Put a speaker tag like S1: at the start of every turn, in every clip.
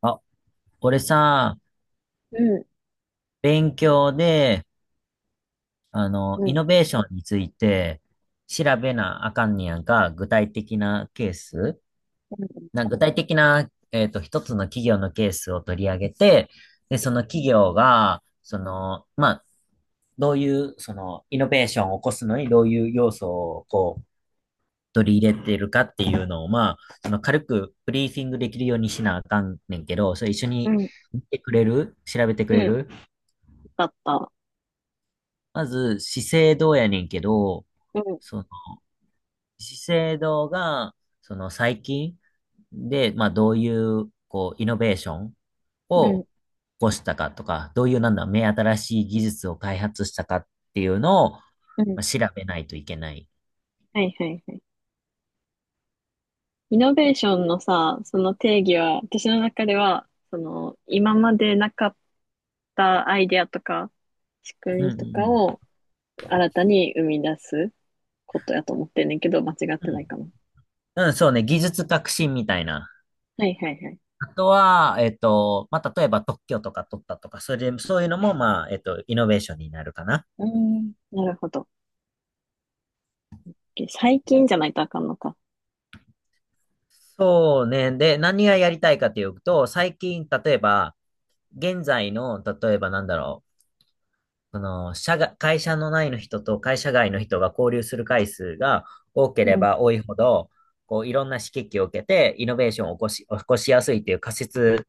S1: あ、俺さ、
S2: うん、
S1: 勉強で、
S2: う
S1: イ
S2: ん、
S1: ノベーションについて調べなあかんねやんか、具体的なケース
S2: うん、
S1: な、具体的な、一つの企業のケースを取り上げて、で、その企業が、まあ、どういう、イノベーションを起こすのにどういう要素を、こう、取り入れてるかっていうのを、まあ、その軽くブリーフィングできるようにしなあかんねんけど、それ一緒
S2: う
S1: に
S2: ん、
S1: 見てくれる調べてく
S2: う
S1: れ
S2: ん
S1: る。
S2: だった。
S1: まず、資生堂やねんけど、
S2: うん、
S1: その、資生堂が、その最近で、まあ、どういう、こう、イノベーション
S2: う
S1: を
S2: ん、
S1: 起こしたかとか、どういう、なんだ、目新しい技術を開発したかっていうのを、ま
S2: うん。
S1: あ、調べないといけない。
S2: はいはいはい。イノベーションのさ、その定義は、私の中では、その、今までなかったアイデアとか、仕
S1: う
S2: 組
S1: ん
S2: み
S1: うん
S2: と
S1: う
S2: か
S1: ん。
S2: を新たに生み出すことやと思ってんねんけど、間違っ
S1: う
S2: てないかな。
S1: ん、うんそうね、技術革新みたいな。
S2: はいはいはい。
S1: あとは、まあ、例えば特許とか取ったとか、それで、そういうのも、まあ、イノベーションになるかな。
S2: うん、なるほど。OK 最近じゃないとあかんのか。
S1: そうね。で、何がやりたいかというと、最近、例えば、現在の、例えばなんだろう、この、社が、会社の内の人と会社外の人が交流する回数が多けれ
S2: うん、
S1: ば多いほど、こう、いろんな刺激を受けて、イノベーションを起こしやすいという仮説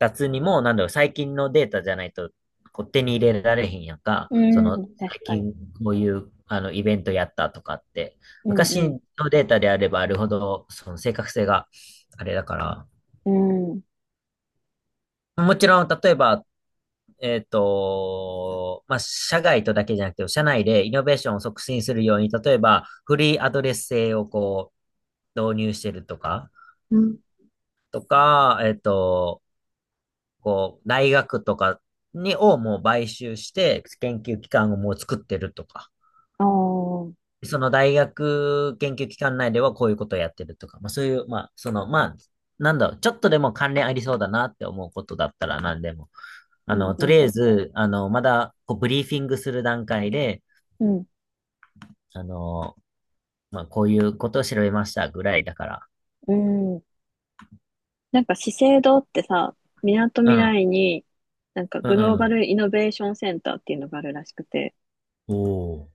S1: 立つにも、なんだろう、最近のデータじゃないと、こう手に入れられへんやんか、
S2: う
S1: その、最
S2: ん、確かに。
S1: 近こういう、イベントやったとかって、
S2: うん、
S1: 昔
S2: うん、
S1: のデータであればあるほど、その正確性があれだから、
S2: うん、
S1: もちろん、例えば、まあ、社外とだけじゃなくて、社内でイノベーションを促進するように、例えば、フリーアドレス制をこう、導入してるとか、
S2: うん。
S1: とか、こう、大学とかに、をもう買収して、研究機関をもう作ってるとか、
S2: ああ、う
S1: その大学研究機関内ではこういうことをやってるとか、まあ、そういう、まあ、その、まあ、なんだろう、ちょっとでも関連ありそうだなって思うことだったら何でも
S2: ん、う
S1: とり
S2: ん、
S1: あえず、まだ、こう、ブリーフィングする段階で、
S2: うん。
S1: あの、まあ、こういうことを調べましたぐらいだから。
S2: うん。なんか資生堂ってさ、みなと
S1: う
S2: みら
S1: ん、
S2: いに、なんか
S1: う
S2: グ
S1: ん、
S2: ロー
S1: う
S2: バ
S1: ん。
S2: ルイノベーションセンターっていうのがあるらしくて、
S1: おお。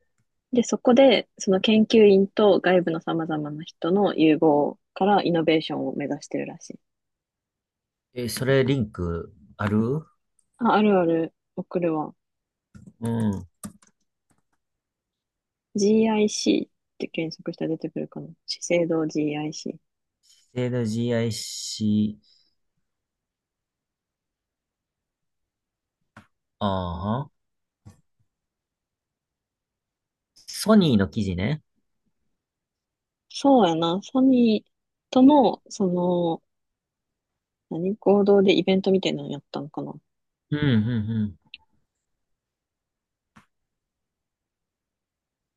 S2: で、そこで、その研究員と外部の様々な人の融合からイノベーションを目指してるらしい。
S1: え、それ、リンク、ある。
S2: あ、あるある、送るわ。
S1: うん。
S2: GIC って検索したら出てくるかな。資生堂 GIC。
S1: 資生堂 GIC、ああは、ソニーの記事ね。
S2: そうやな、ソニーとの、その、何合同でイベントみたいなのやったのかな。
S1: うん、うん、うん。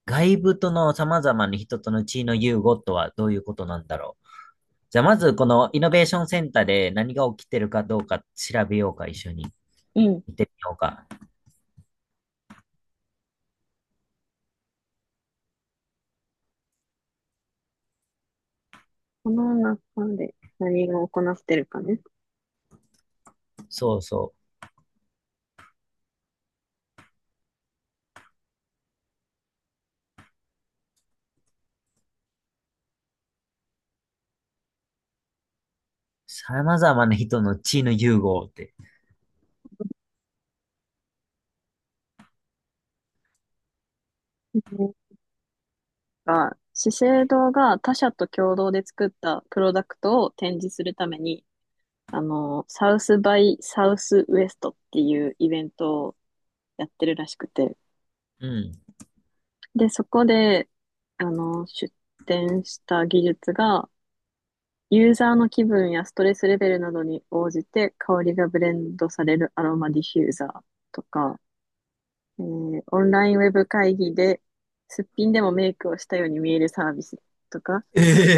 S1: 外部との様々な人との地位の融合とはどういうことなんだろう。じゃあ、まず、このイノベーションセンターで何が起きてるかどうか調べようか、一緒に。
S2: うん。
S1: 見てみようか。
S2: この中で何が行ってるかね。
S1: そうそう。様々な人の地の融合って。
S2: うんが、資生堂が他社と共同で作ったプロダクトを展示するために、あの、サウスバイサウスウエストっていうイベントをやってるらしくて。
S1: うん。
S2: で、そこで、あの、出展した技術が、ユーザーの気分やストレスレベルなどに応じて香りがブレンドされるアロマディフューザーとか、オンラインウェブ会議ですっぴんでもメイクをしたように見えるサービスとか、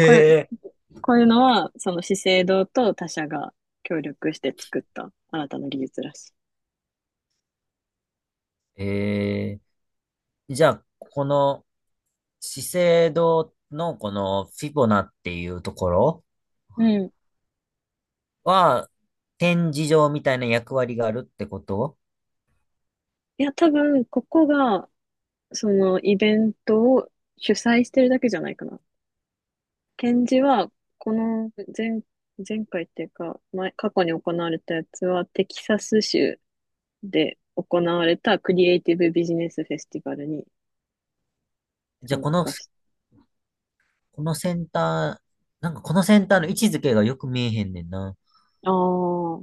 S2: こういう、こういうのは、その資生堂と他社が協力して作った新たな技術らしい。
S1: ええー、じゃあ、この資生堂のこのフィボナっていうところ
S2: うん。
S1: は、展示場みたいな役割があるってこと。
S2: いや、多分、ここが、そのイベントを主催してるだけじゃないかな。展示は、この前、前回っていうか、前、過去に行われたやつは、テキサス州で行われたクリエイティブビジネスフェスティバルに
S1: じゃあ、
S2: 参
S1: この、
S2: 加し
S1: このセンター、なんかこのセンターの位置づけがよく見えへんねんな。
S2: あ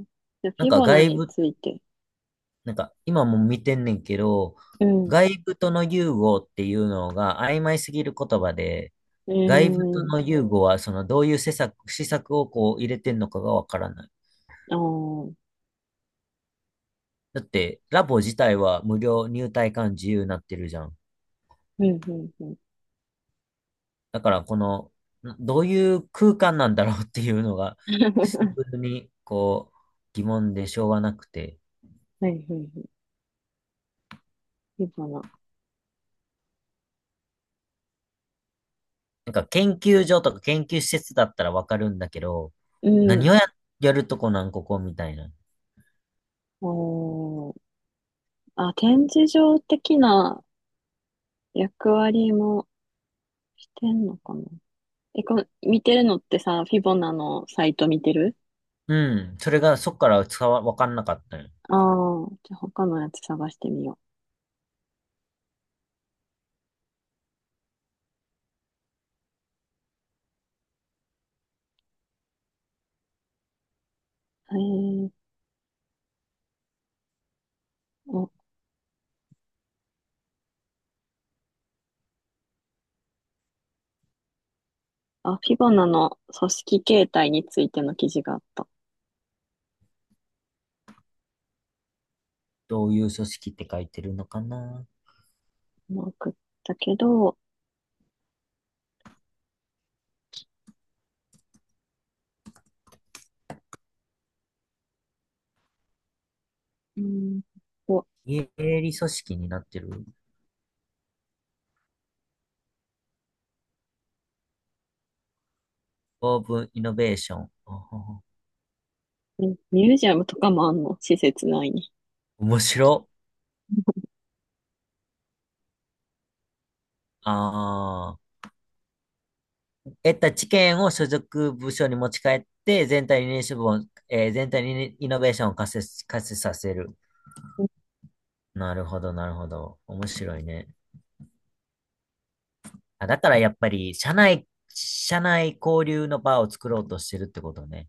S2: あ、じゃあ
S1: な
S2: フ
S1: ん
S2: ィ
S1: か
S2: ボナ
S1: 外
S2: に
S1: 部、
S2: ついて。
S1: なんか今も見てんねんけど、
S2: うん。
S1: 外部との融合っていうのが曖昧すぎる言葉で、
S2: え
S1: 外部と
S2: ー、
S1: の融合は、その、どういう施策をこう入れてんのかがわからない。
S2: ああ、うん、
S1: だって、ラボ自体は無料、入退館自由になってるじゃん。
S2: うん、うん。
S1: だから、この、などういう空間なんだろうっていうのが、シン プルに、こう、疑問でしょうがなくて。
S2: はい、はい、はい。フィボナ。
S1: なんか、研究所とか研究施設だったらわかるんだけど、
S2: うん。
S1: 何をや、やるとこなん、ここみたいな。
S2: おー。あ、展示場的な役割もしてんのかな。え、この、見てるのってさ、フィボナのサイト見てる
S1: うん。それが、そっから伝わ、わかんなかったよ。
S2: ああー、じゃあ他のやつ探してみよう。えー、お、あ、フィボナの組織形態についての記事があった。
S1: どういう組織って書いてるのかな。
S2: まあ送ったけど、うん。
S1: 営利組織になってる。オープンイノベーション。あは。
S2: ミミュージアムとかもあんの施設内に。
S1: 面白。ああ。得た知見を所属部署に持ち帰って、全体にイノベーションを活性させる。なるほど、なるほど。面白いね。あ、だからやっぱり、社内交流の場を作ろうとしてるってことね。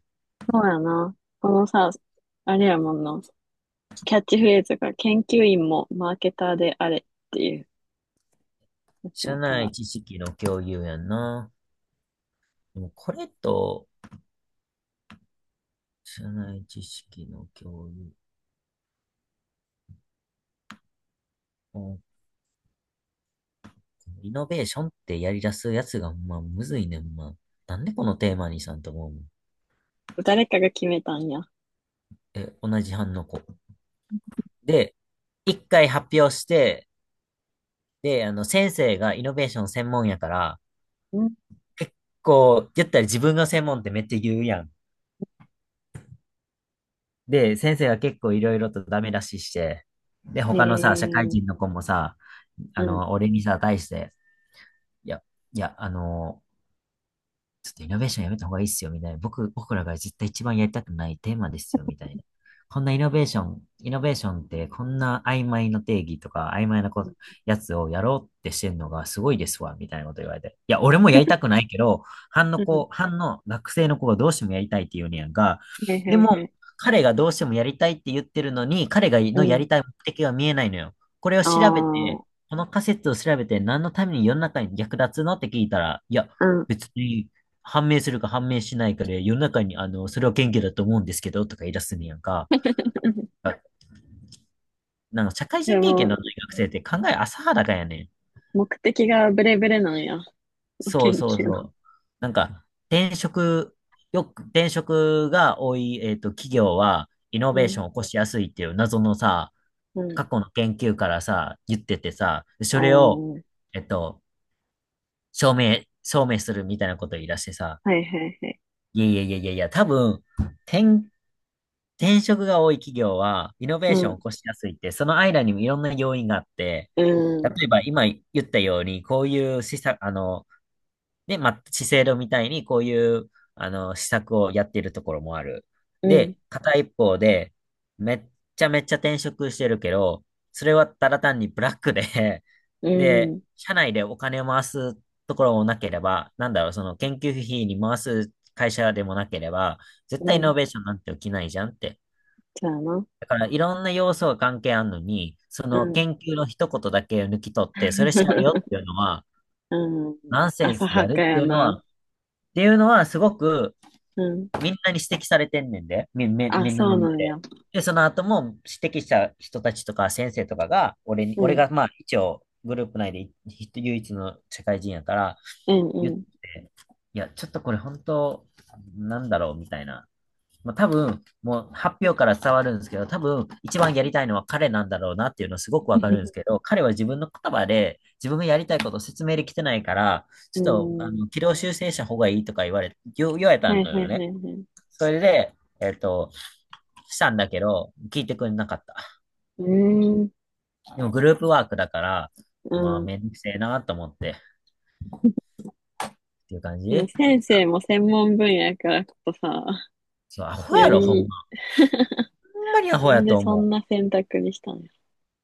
S2: そうやな。このさ、あれやもんな。キャッチフレーズが研究員もマーケターであれっていうやつ
S1: 社
S2: やか
S1: 内
S2: ら。
S1: 知識の共有やんな。でもこれと、社内知識の共有。リノベーションってやり出すやつが、まあ、むずいねん、まあ。なんでこのテーマにさんと思うもん。
S2: 誰かが決めたんや。
S1: え、同じ班の子。で、一回発表して、で、先生がイノベーション専門やから、
S2: うん。
S1: 結構、言ったら自分の専門ってめっちゃ言うやん。で、先生が結構いろいろとダメ出しして、で、
S2: へ
S1: 他のさ、社会
S2: え、
S1: 人の子もさ、
S2: うん。
S1: 俺にさ、対して、いや、いや、ちょっとイノベーションやめた方がいいっすよ、みたいな。僕らが絶対一番やりたくないテーマですよ、みたいな。こんなイノベーションってこんな曖昧な定義とか曖昧なこと、やつをやろうってしてんのがすごいですわ、みたいなこと言われて。いや、俺もやりたくないけど、
S2: うん。
S1: 班の学生の子がどうしてもやりたいって言うねやんか。
S2: へい
S1: で
S2: へい
S1: も、
S2: へい。
S1: 彼がどうしてもやりたいって言ってるのに、彼が
S2: う
S1: のやり
S2: ん。
S1: たい目的が見えないのよ。これを調べ
S2: あ
S1: て、この仮説を調べて何のために世の中に役立つのって聞いたら、いや、
S2: あ。うん。
S1: 別に判明するか判明しないかで、世の中に、それは謙虚だと思うんですけど、とか言い出すねやんか。あ、なんか、社会
S2: で
S1: 人経験の
S2: も、
S1: ない学生って考え浅はだかやねん。
S2: 目的がブレブレなんや。
S1: そう
S2: 研
S1: そう
S2: 究の。
S1: そう。なんか、転職、転職が多い、企業は、イノ
S2: う
S1: ベー
S2: ん。
S1: ションを起こしやすいっていう謎のさ、
S2: うん。
S1: 過去の研究からさ、言っててさ、それを、
S2: おー。
S1: えっと、証明するみたいなこと言い出してさ、
S2: はいはいはい。
S1: いやいやいやいやいや、多分、転転職が多い企業は、イノベー
S2: う
S1: ションを起
S2: ん。
S1: こしやすいって、その間にもいろんな要因があって、
S2: うん。
S1: 例えば今言ったように、こういう施策、ね、まあ、資生堂みたいにこういう、施策をやっているところもある。
S2: うん。
S1: で、片一方で、めっちゃめっちゃ転職してるけど、それはただ単にブラックで
S2: う
S1: で、
S2: ん。
S1: 社内でお金を回すところもなければ、なんだろう、その研究費に回す会社でもなければ、絶
S2: う
S1: 対イノ
S2: ん。
S1: ベーションなんて起きないじゃんって。
S2: そうやな。
S1: だからいろんな要素が関係あるのに、そ
S2: う
S1: の
S2: ん。
S1: 研究の一言だけを抜き取って、それ調べようって いうのは、
S2: うん。
S1: ナンセン
S2: 浅
S1: スで
S2: は
S1: あ
S2: か
S1: るって
S2: や
S1: いうのは、
S2: な。
S1: すごく
S2: うん。
S1: みんなに指摘されてんねんで、
S2: あ、
S1: みんな
S2: そう
S1: の目
S2: なんや。
S1: で。で、その後も指摘した人たちとか先生とかが、
S2: う
S1: 俺
S2: ん。
S1: がまあ一応グループ内で唯一の社会人やから、
S2: うん、
S1: 言っ
S2: う
S1: て、
S2: ん。
S1: いや、ちょっとこれ本当、なんだろうみたいな。まあ、多分、もう発表から伝わるんですけど、多分一番やりたいのは彼なんだろうなっていうのすごくわかるんですけ ど、彼は自分の言葉で自分がやりたいことを説明できてないから、ち
S2: う
S1: ょっとあ
S2: ん。
S1: の軌道修正した方がいいとか言われた
S2: はい
S1: の
S2: は
S1: よ
S2: いは
S1: ね。
S2: いはい。
S1: それで、えっと、したんだけど、聞いてくれなかった。
S2: うーん。
S1: でもグループワークだから、
S2: う
S1: まあ
S2: ん。
S1: めんどくせえなと思ってっていう感
S2: でも
S1: じ。
S2: 先生も専門分野やからこそさ、
S1: そう、アホ
S2: よ
S1: やろ、ほんま。
S2: り、
S1: ほんまにア
S2: な
S1: ホや
S2: んで
S1: と
S2: そ
S1: 思
S2: んな選択にしたのや。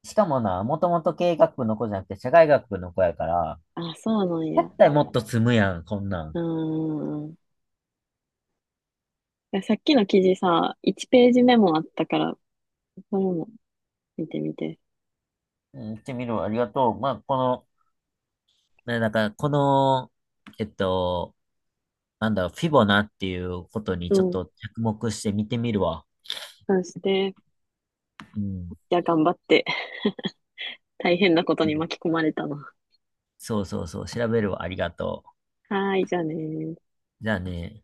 S1: う。しかもな、もともと経営学部の子じゃなくて社会学部の子やから、
S2: あ、そうなん
S1: だ
S2: や。
S1: ったらもっと積むやん、こんな
S2: う
S1: ん。
S2: ーん。いやさっきの記事さ、1ページ目もあったから、それも見てみて。
S1: うん、行ってみるわ。ありがとう。まあ、この、ね、だから、この、えっと、なんだろう、フィボナっていうことに
S2: う
S1: ちょっ
S2: ん。
S1: と着目して見てみるわ。
S2: そして、
S1: うん。
S2: じゃあ頑張って、大変なこと
S1: う
S2: に
S1: ん
S2: 巻き込まれたな。
S1: そうそうそう、調べるわ。ありがと
S2: はーい、じゃあねー。
S1: う。じゃあね。